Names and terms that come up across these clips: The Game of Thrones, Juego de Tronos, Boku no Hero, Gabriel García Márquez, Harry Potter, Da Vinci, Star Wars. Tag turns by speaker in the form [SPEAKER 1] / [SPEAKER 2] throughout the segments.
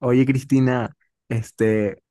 [SPEAKER 1] Oye, Cristina, este,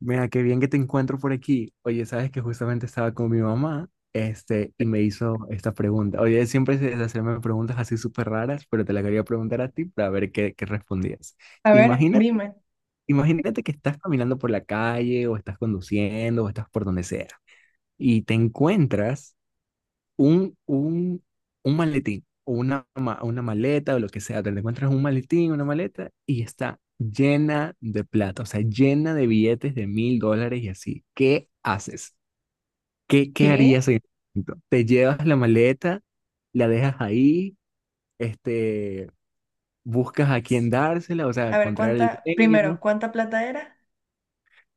[SPEAKER 1] mira, qué bien que te encuentro por aquí. Oye, sabes que justamente estaba con mi mamá, y me hizo esta pregunta. Oye, ella siempre se hacerme preguntas así súper raras, pero te la quería preguntar a ti para ver qué respondías.
[SPEAKER 2] A ver,
[SPEAKER 1] Imagínate,
[SPEAKER 2] dime.
[SPEAKER 1] imagínate que estás caminando por la calle, o estás conduciendo, o estás por donde sea, y te encuentras un, un, un maletín o una maleta o lo que sea, te encuentras un maletín, una maleta y está llena de plata, o sea, llena de billetes de mil dólares y así. ¿Qué haces? Qué
[SPEAKER 2] ¿Qué?
[SPEAKER 1] harías en ese momento? ¿Te llevas la maleta, la dejas ahí, este, buscas a quién dársela, o sea,
[SPEAKER 2] A ver,
[SPEAKER 1] encontrar el
[SPEAKER 2] ¿cuánta, primero,
[SPEAKER 1] dueño?
[SPEAKER 2] cuánta plata era?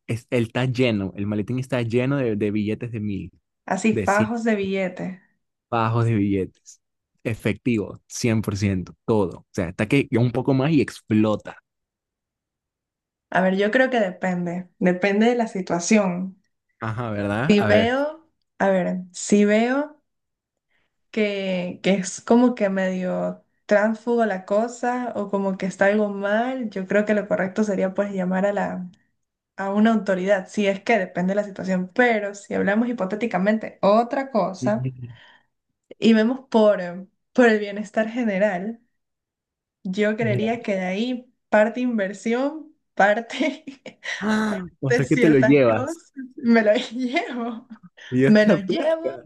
[SPEAKER 1] Es, él está lleno, el maletín está lleno de billetes de mil,
[SPEAKER 2] Así,
[SPEAKER 1] de cien.
[SPEAKER 2] fajos de billete.
[SPEAKER 1] Bajos de billetes. Efectivo, 100%, todo. O sea, está que un poco más y explota.
[SPEAKER 2] A ver, yo creo que depende de la situación.
[SPEAKER 1] Ajá, ¿verdad?
[SPEAKER 2] Si
[SPEAKER 1] A ver.
[SPEAKER 2] veo, si veo que, es como que medio tránsfugo la cosa o como que está algo mal, yo creo que lo correcto sería pues llamar a a una autoridad, si es que depende de la situación. Pero si hablamos hipotéticamente otra cosa y vemos por el bienestar general. Yo
[SPEAKER 1] Ya.
[SPEAKER 2] creería que de ahí parte inversión, parte,
[SPEAKER 1] Ah, o
[SPEAKER 2] parte
[SPEAKER 1] sea que te lo
[SPEAKER 2] ciertas
[SPEAKER 1] llevas.
[SPEAKER 2] cosas, me lo llevo,
[SPEAKER 1] Dios
[SPEAKER 2] me lo
[SPEAKER 1] la
[SPEAKER 2] llevo
[SPEAKER 1] plata.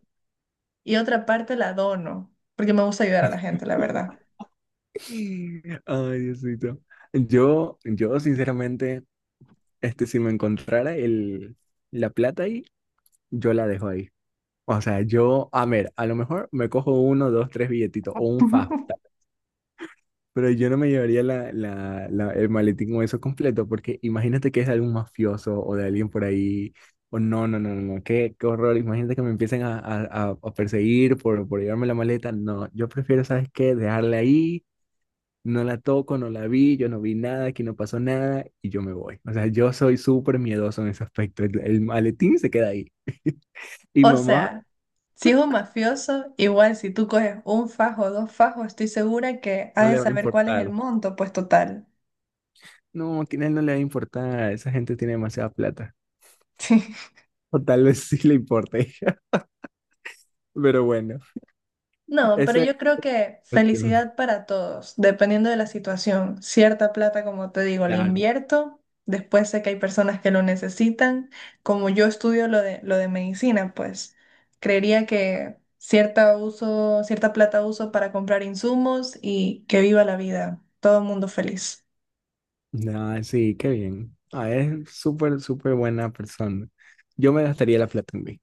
[SPEAKER 2] y otra parte la dono, porque me gusta ayudar a la gente, la verdad.
[SPEAKER 1] Ay, Diosito. Yo sinceramente, si me encontrara la plata ahí, yo la dejo ahí. O sea, yo, a ver, a lo mejor me cojo uno, dos, tres billetitos o un fajo. Pero yo no me llevaría el maletín o eso completo, porque imagínate que es de algún mafioso o de alguien por ahí. O no, no, no, no, no, qué horror. Imagínate que me empiecen a perseguir por llevarme la maleta. No, yo prefiero, ¿sabes qué? Dejarla ahí, no la toco, no la vi, yo no vi nada, aquí no pasó nada y yo me voy. O sea, yo soy súper miedoso en ese aspecto. El maletín se queda ahí. Y
[SPEAKER 2] O
[SPEAKER 1] mamá
[SPEAKER 2] sea, si es un mafioso, igual si tú coges un fajo o dos fajos, estoy segura que
[SPEAKER 1] no
[SPEAKER 2] has de
[SPEAKER 1] le va a
[SPEAKER 2] saber cuál es el
[SPEAKER 1] importar.
[SPEAKER 2] monto, pues total.
[SPEAKER 1] No, a él no le va a importar. Esa gente tiene demasiada plata. O tal vez sí le importe. Pero bueno,
[SPEAKER 2] No, pero
[SPEAKER 1] ese...
[SPEAKER 2] yo creo que felicidad para todos, dependiendo de la situación. Cierta plata, como te digo, la
[SPEAKER 1] Claro.
[SPEAKER 2] invierto. Después sé que hay personas que lo necesitan. Como yo estudio lo de medicina, pues creería que cierta uso, cierta plata uso para comprar insumos y que viva la vida. Todo el mundo feliz.
[SPEAKER 1] No, sí, qué bien. Ah, es súper, súper buena persona. Yo me gastaría la plata en mí.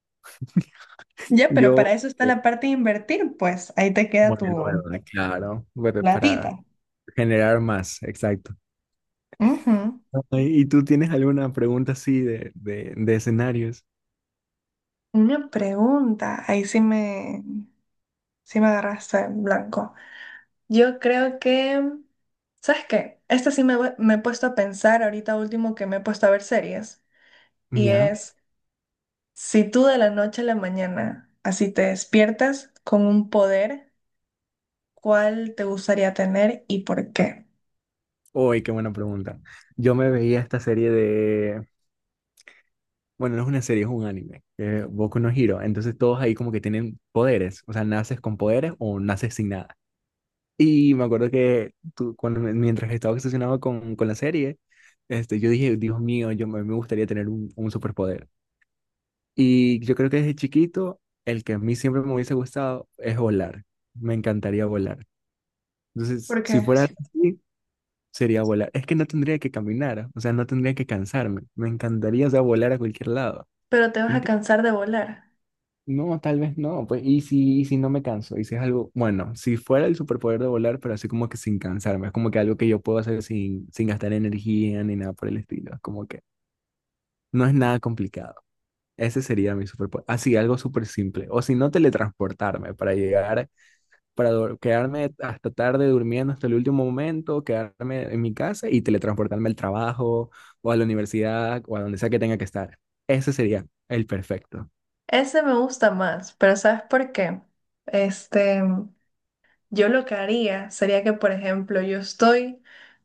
[SPEAKER 2] Ya, pero
[SPEAKER 1] Yo...
[SPEAKER 2] para eso está
[SPEAKER 1] eh,
[SPEAKER 2] la parte de invertir, pues ahí te queda
[SPEAKER 1] bueno,
[SPEAKER 2] tu
[SPEAKER 1] bueno, claro, pero para
[SPEAKER 2] platita.
[SPEAKER 1] generar más, exacto.
[SPEAKER 2] Ujú.
[SPEAKER 1] Ay, ¿y tú tienes alguna pregunta así de escenarios?
[SPEAKER 2] Una pregunta, sí me agarraste en blanco. Yo creo que... ¿Sabes qué? Esta sí me, voy- Me he puesto a pensar ahorita último que me he puesto a ver series. Y
[SPEAKER 1] ¿Ya?
[SPEAKER 2] es, si tú de la noche a la mañana así te despiertas con un poder, ¿cuál te gustaría tener y por qué?
[SPEAKER 1] Uy, qué buena pregunta. Yo me veía esta serie de... Bueno, no es una serie, es un anime, que es Boku no Hero. Entonces todos ahí como que tienen poderes. O sea, naces con poderes o naces sin nada. Y me acuerdo que tú, cuando, mientras estaba obsesionado con la serie, yo dije, Dios mío, me gustaría tener un superpoder. Y yo creo que desde chiquito, el que a mí siempre me hubiese gustado es volar. Me encantaría volar. Entonces,
[SPEAKER 2] ¿Por
[SPEAKER 1] si
[SPEAKER 2] qué?
[SPEAKER 1] fuera así, sería volar. Es que no tendría que caminar, o sea, no tendría que cansarme. Me encantaría, o sea, volar a cualquier lado.
[SPEAKER 2] Pero te vas a cansar de volar.
[SPEAKER 1] No, tal vez no, pues, y si no me canso, y si es algo, bueno, si fuera el superpoder de volar, pero así como que sin cansarme, es como que algo que yo puedo hacer sin gastar energía ni nada por el estilo, es como que no es nada complicado. Ese sería mi superpoder, así, algo súper simple, o si no, teletransportarme para llegar, quedarme hasta tarde durmiendo hasta el último momento, quedarme en mi casa y teletransportarme al trabajo, o a la universidad, o a donde sea que tenga que estar. Ese sería el perfecto.
[SPEAKER 2] Ese me gusta más, pero ¿sabes por qué? Este... Yo lo que haría sería que, por ejemplo, yo estoy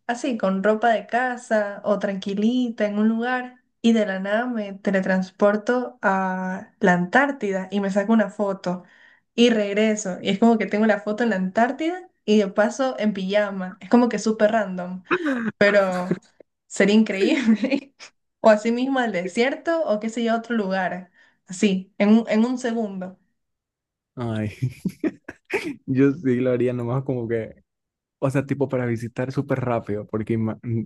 [SPEAKER 2] así con ropa de casa o tranquilita en un lugar y de la nada me teletransporto a la Antártida y me saco una foto y regreso. Y es como que tengo la foto en la Antártida y de paso en pijama. Es como que súper random, pero sería increíble. O así mismo al desierto o qué sé yo, a otro lugar. Así, en un segundo.
[SPEAKER 1] Ay, yo sí lo haría nomás como que, o sea, tipo para visitar súper rápido, porque,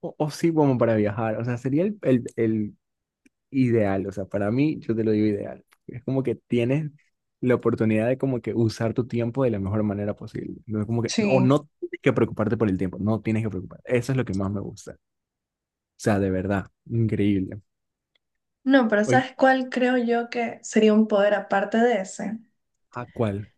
[SPEAKER 1] o sí como para viajar, o sea, sería el ideal, o sea, para mí yo te lo digo ideal, es como que tienes la oportunidad de como que usar tu tiempo de la mejor manera posible, no es como que, o
[SPEAKER 2] Sí.
[SPEAKER 1] no tienes que preocuparte por el tiempo, no tienes que preocuparte, eso es lo que más me gusta, o sea, de verdad, increíble.
[SPEAKER 2] No, pero
[SPEAKER 1] Oye,
[SPEAKER 2] ¿sabes cuál creo yo que sería un poder aparte de ese?
[SPEAKER 1] ¿a cuál?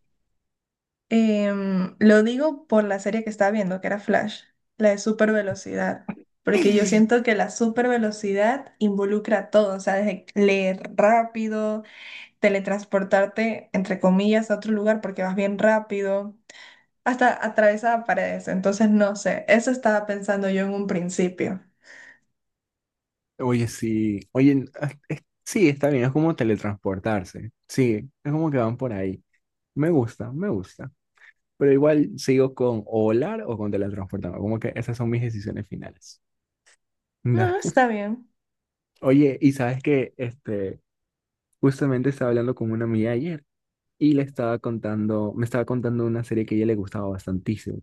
[SPEAKER 2] Lo digo por la serie que estaba viendo, que era Flash, la de super velocidad, porque yo siento que la super velocidad involucra todo, o sea, desde leer rápido, teletransportarte, entre comillas, a otro lugar porque vas bien rápido, hasta atravesar paredes, entonces no sé, eso estaba pensando yo en un principio.
[SPEAKER 1] Oye, sí. Oye, ah, sí, está bien. Es como teletransportarse. Sí, es como que van por ahí. Me gusta, me gusta. Pero igual sigo con o volar o con teletransportarme. Como que esas son mis decisiones finales. Da.
[SPEAKER 2] No, está bien.
[SPEAKER 1] Oye, y sabes que justamente estaba hablando con una amiga ayer y le estaba contando, me estaba contando una serie que a ella le gustaba bastantísimo.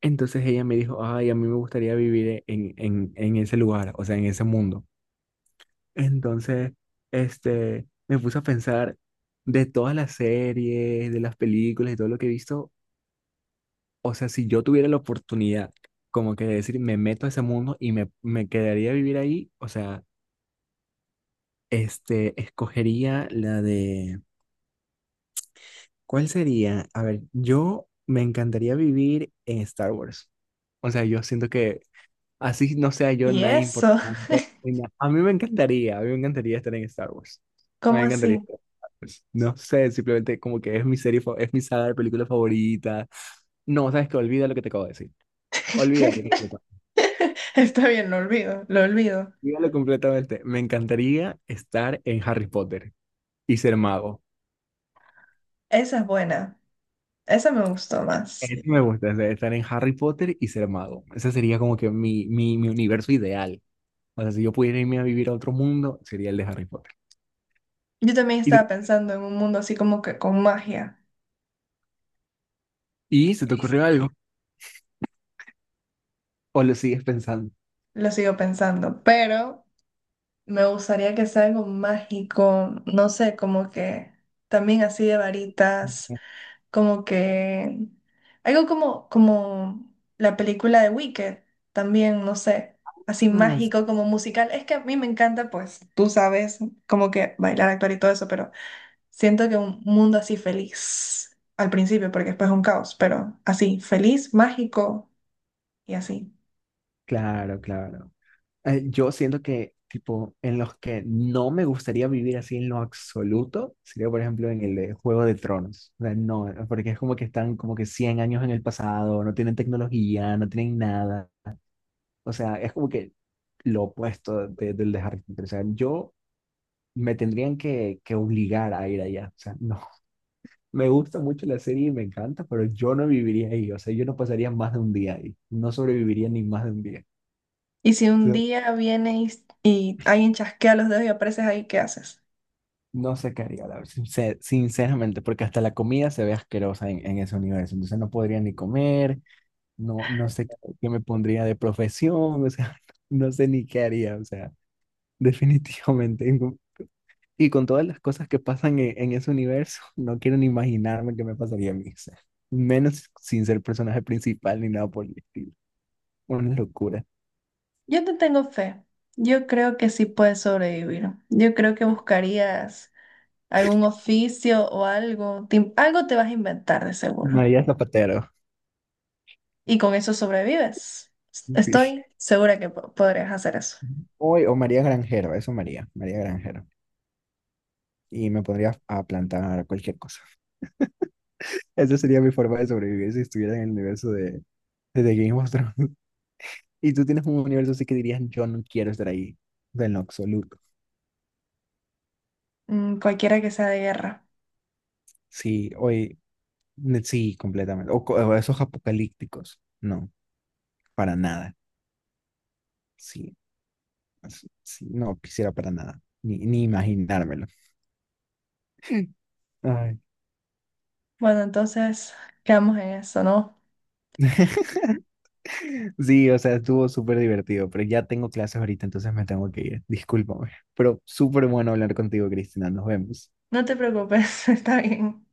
[SPEAKER 1] Entonces ella me dijo, ay, a mí me gustaría vivir en ese lugar, o sea, en ese mundo. Entonces, me puse a pensar de todas las series, de las películas y todo lo que he visto, o sea, si yo tuviera la oportunidad como que de decir, me meto a ese mundo y me quedaría a vivir ahí, o sea, escogería la de, ¿cuál sería? A ver, yo me encantaría vivir en Star Wars. O sea, yo siento que así no sea yo
[SPEAKER 2] ¿Y
[SPEAKER 1] nada
[SPEAKER 2] eso?
[SPEAKER 1] importante ni nada. A mí me encantaría, a mí me encantaría estar en Star Wars. A mí
[SPEAKER 2] ¿Cómo
[SPEAKER 1] me encantaría
[SPEAKER 2] así?
[SPEAKER 1] estar en Star Wars. No sé, simplemente como que es mi serie, es mi saga de película favorita. No, sabes que olvida lo que te acabo de decir. Olvídalo completamente.
[SPEAKER 2] Está bien, lo olvido, lo olvido.
[SPEAKER 1] Olvídalo completamente. Me encantaría estar en Harry Potter y ser mago.
[SPEAKER 2] Esa es buena, esa me gustó más.
[SPEAKER 1] Eso me gusta, o sea, estar en Harry Potter y ser mago. Ese sería como que mi universo ideal. O sea, si yo pudiera irme a vivir a otro mundo, sería el de Harry Potter.
[SPEAKER 2] Yo también
[SPEAKER 1] ¿Y,
[SPEAKER 2] estaba pensando en un mundo así como que con magia,
[SPEAKER 1] y se te ocurrió algo? ¿O lo sigues pensando?
[SPEAKER 2] lo sigo pensando, pero me gustaría que sea algo mágico, no sé, como que también así de varitas. Como que algo como la película de Wicked, también, no sé, así
[SPEAKER 1] Ah,
[SPEAKER 2] mágico como musical. Es que a mí me encanta, pues, tú sabes, como que bailar, actuar y todo eso, pero siento que un mundo así feliz al principio, porque después es un caos, pero así, feliz, mágico y así.
[SPEAKER 1] claro, claro. Yo siento que, tipo, en los que no me gustaría vivir así en lo absoluto, sería, por ejemplo, en el de Juego de Tronos. O sea, no, porque es como que están como que 100 años en el pasado, no tienen tecnología, no tienen nada. O sea, es como que lo opuesto del de Harry Potter. O sea, yo me tendrían que obligar a ir allá. O sea, no. Me gusta mucho la serie y me encanta, pero yo no viviría ahí. O sea, yo no pasaría más de un día ahí. No sobreviviría ni más de un día.
[SPEAKER 2] Y si un día vienes alguien chasquea los dedos y apareces ahí, ¿qué haces?
[SPEAKER 1] No sé qué haría, la verdad, sinceramente, porque hasta la comida se ve asquerosa en ese universo. Entonces no podría ni comer, no, no sé qué qué me pondría de profesión, o sea, no sé ni qué haría, o sea, definitivamente no. Y con todas las cosas que pasan en ese universo, no quiero ni imaginarme qué me pasaría a mí, o sea, menos sin ser personaje principal ni nada por el estilo. Una locura.
[SPEAKER 2] Yo te tengo fe. Yo creo que sí puedes sobrevivir. Yo creo que buscarías algún oficio o algo. Algo te vas a inventar de seguro.
[SPEAKER 1] María Zapatero.
[SPEAKER 2] Y con eso sobrevives.
[SPEAKER 1] Sí.
[SPEAKER 2] Estoy segura que podrías hacer eso.
[SPEAKER 1] Hoy, o María Granjero, eso María, María Granjero. Y me podría a plantar cualquier cosa. Esa sería mi forma de sobrevivir si estuviera en el universo de The Game of Thrones. Y tú tienes un universo así que dirías, yo no quiero estar ahí, de en lo absoluto.
[SPEAKER 2] Mm, cualquiera que sea de guerra.
[SPEAKER 1] Sí, hoy, sí, completamente. O, o esos apocalípticos, no, para nada. Sí, sí, no quisiera para nada, ni imaginármelo. Ay.
[SPEAKER 2] Bueno, entonces quedamos en eso, ¿no?
[SPEAKER 1] Sí, o sea, estuvo súper divertido, pero ya tengo clases ahorita, entonces me tengo que ir. Discúlpame, pero súper bueno hablar contigo, Cristina. Nos vemos.
[SPEAKER 2] No te preocupes, está bien.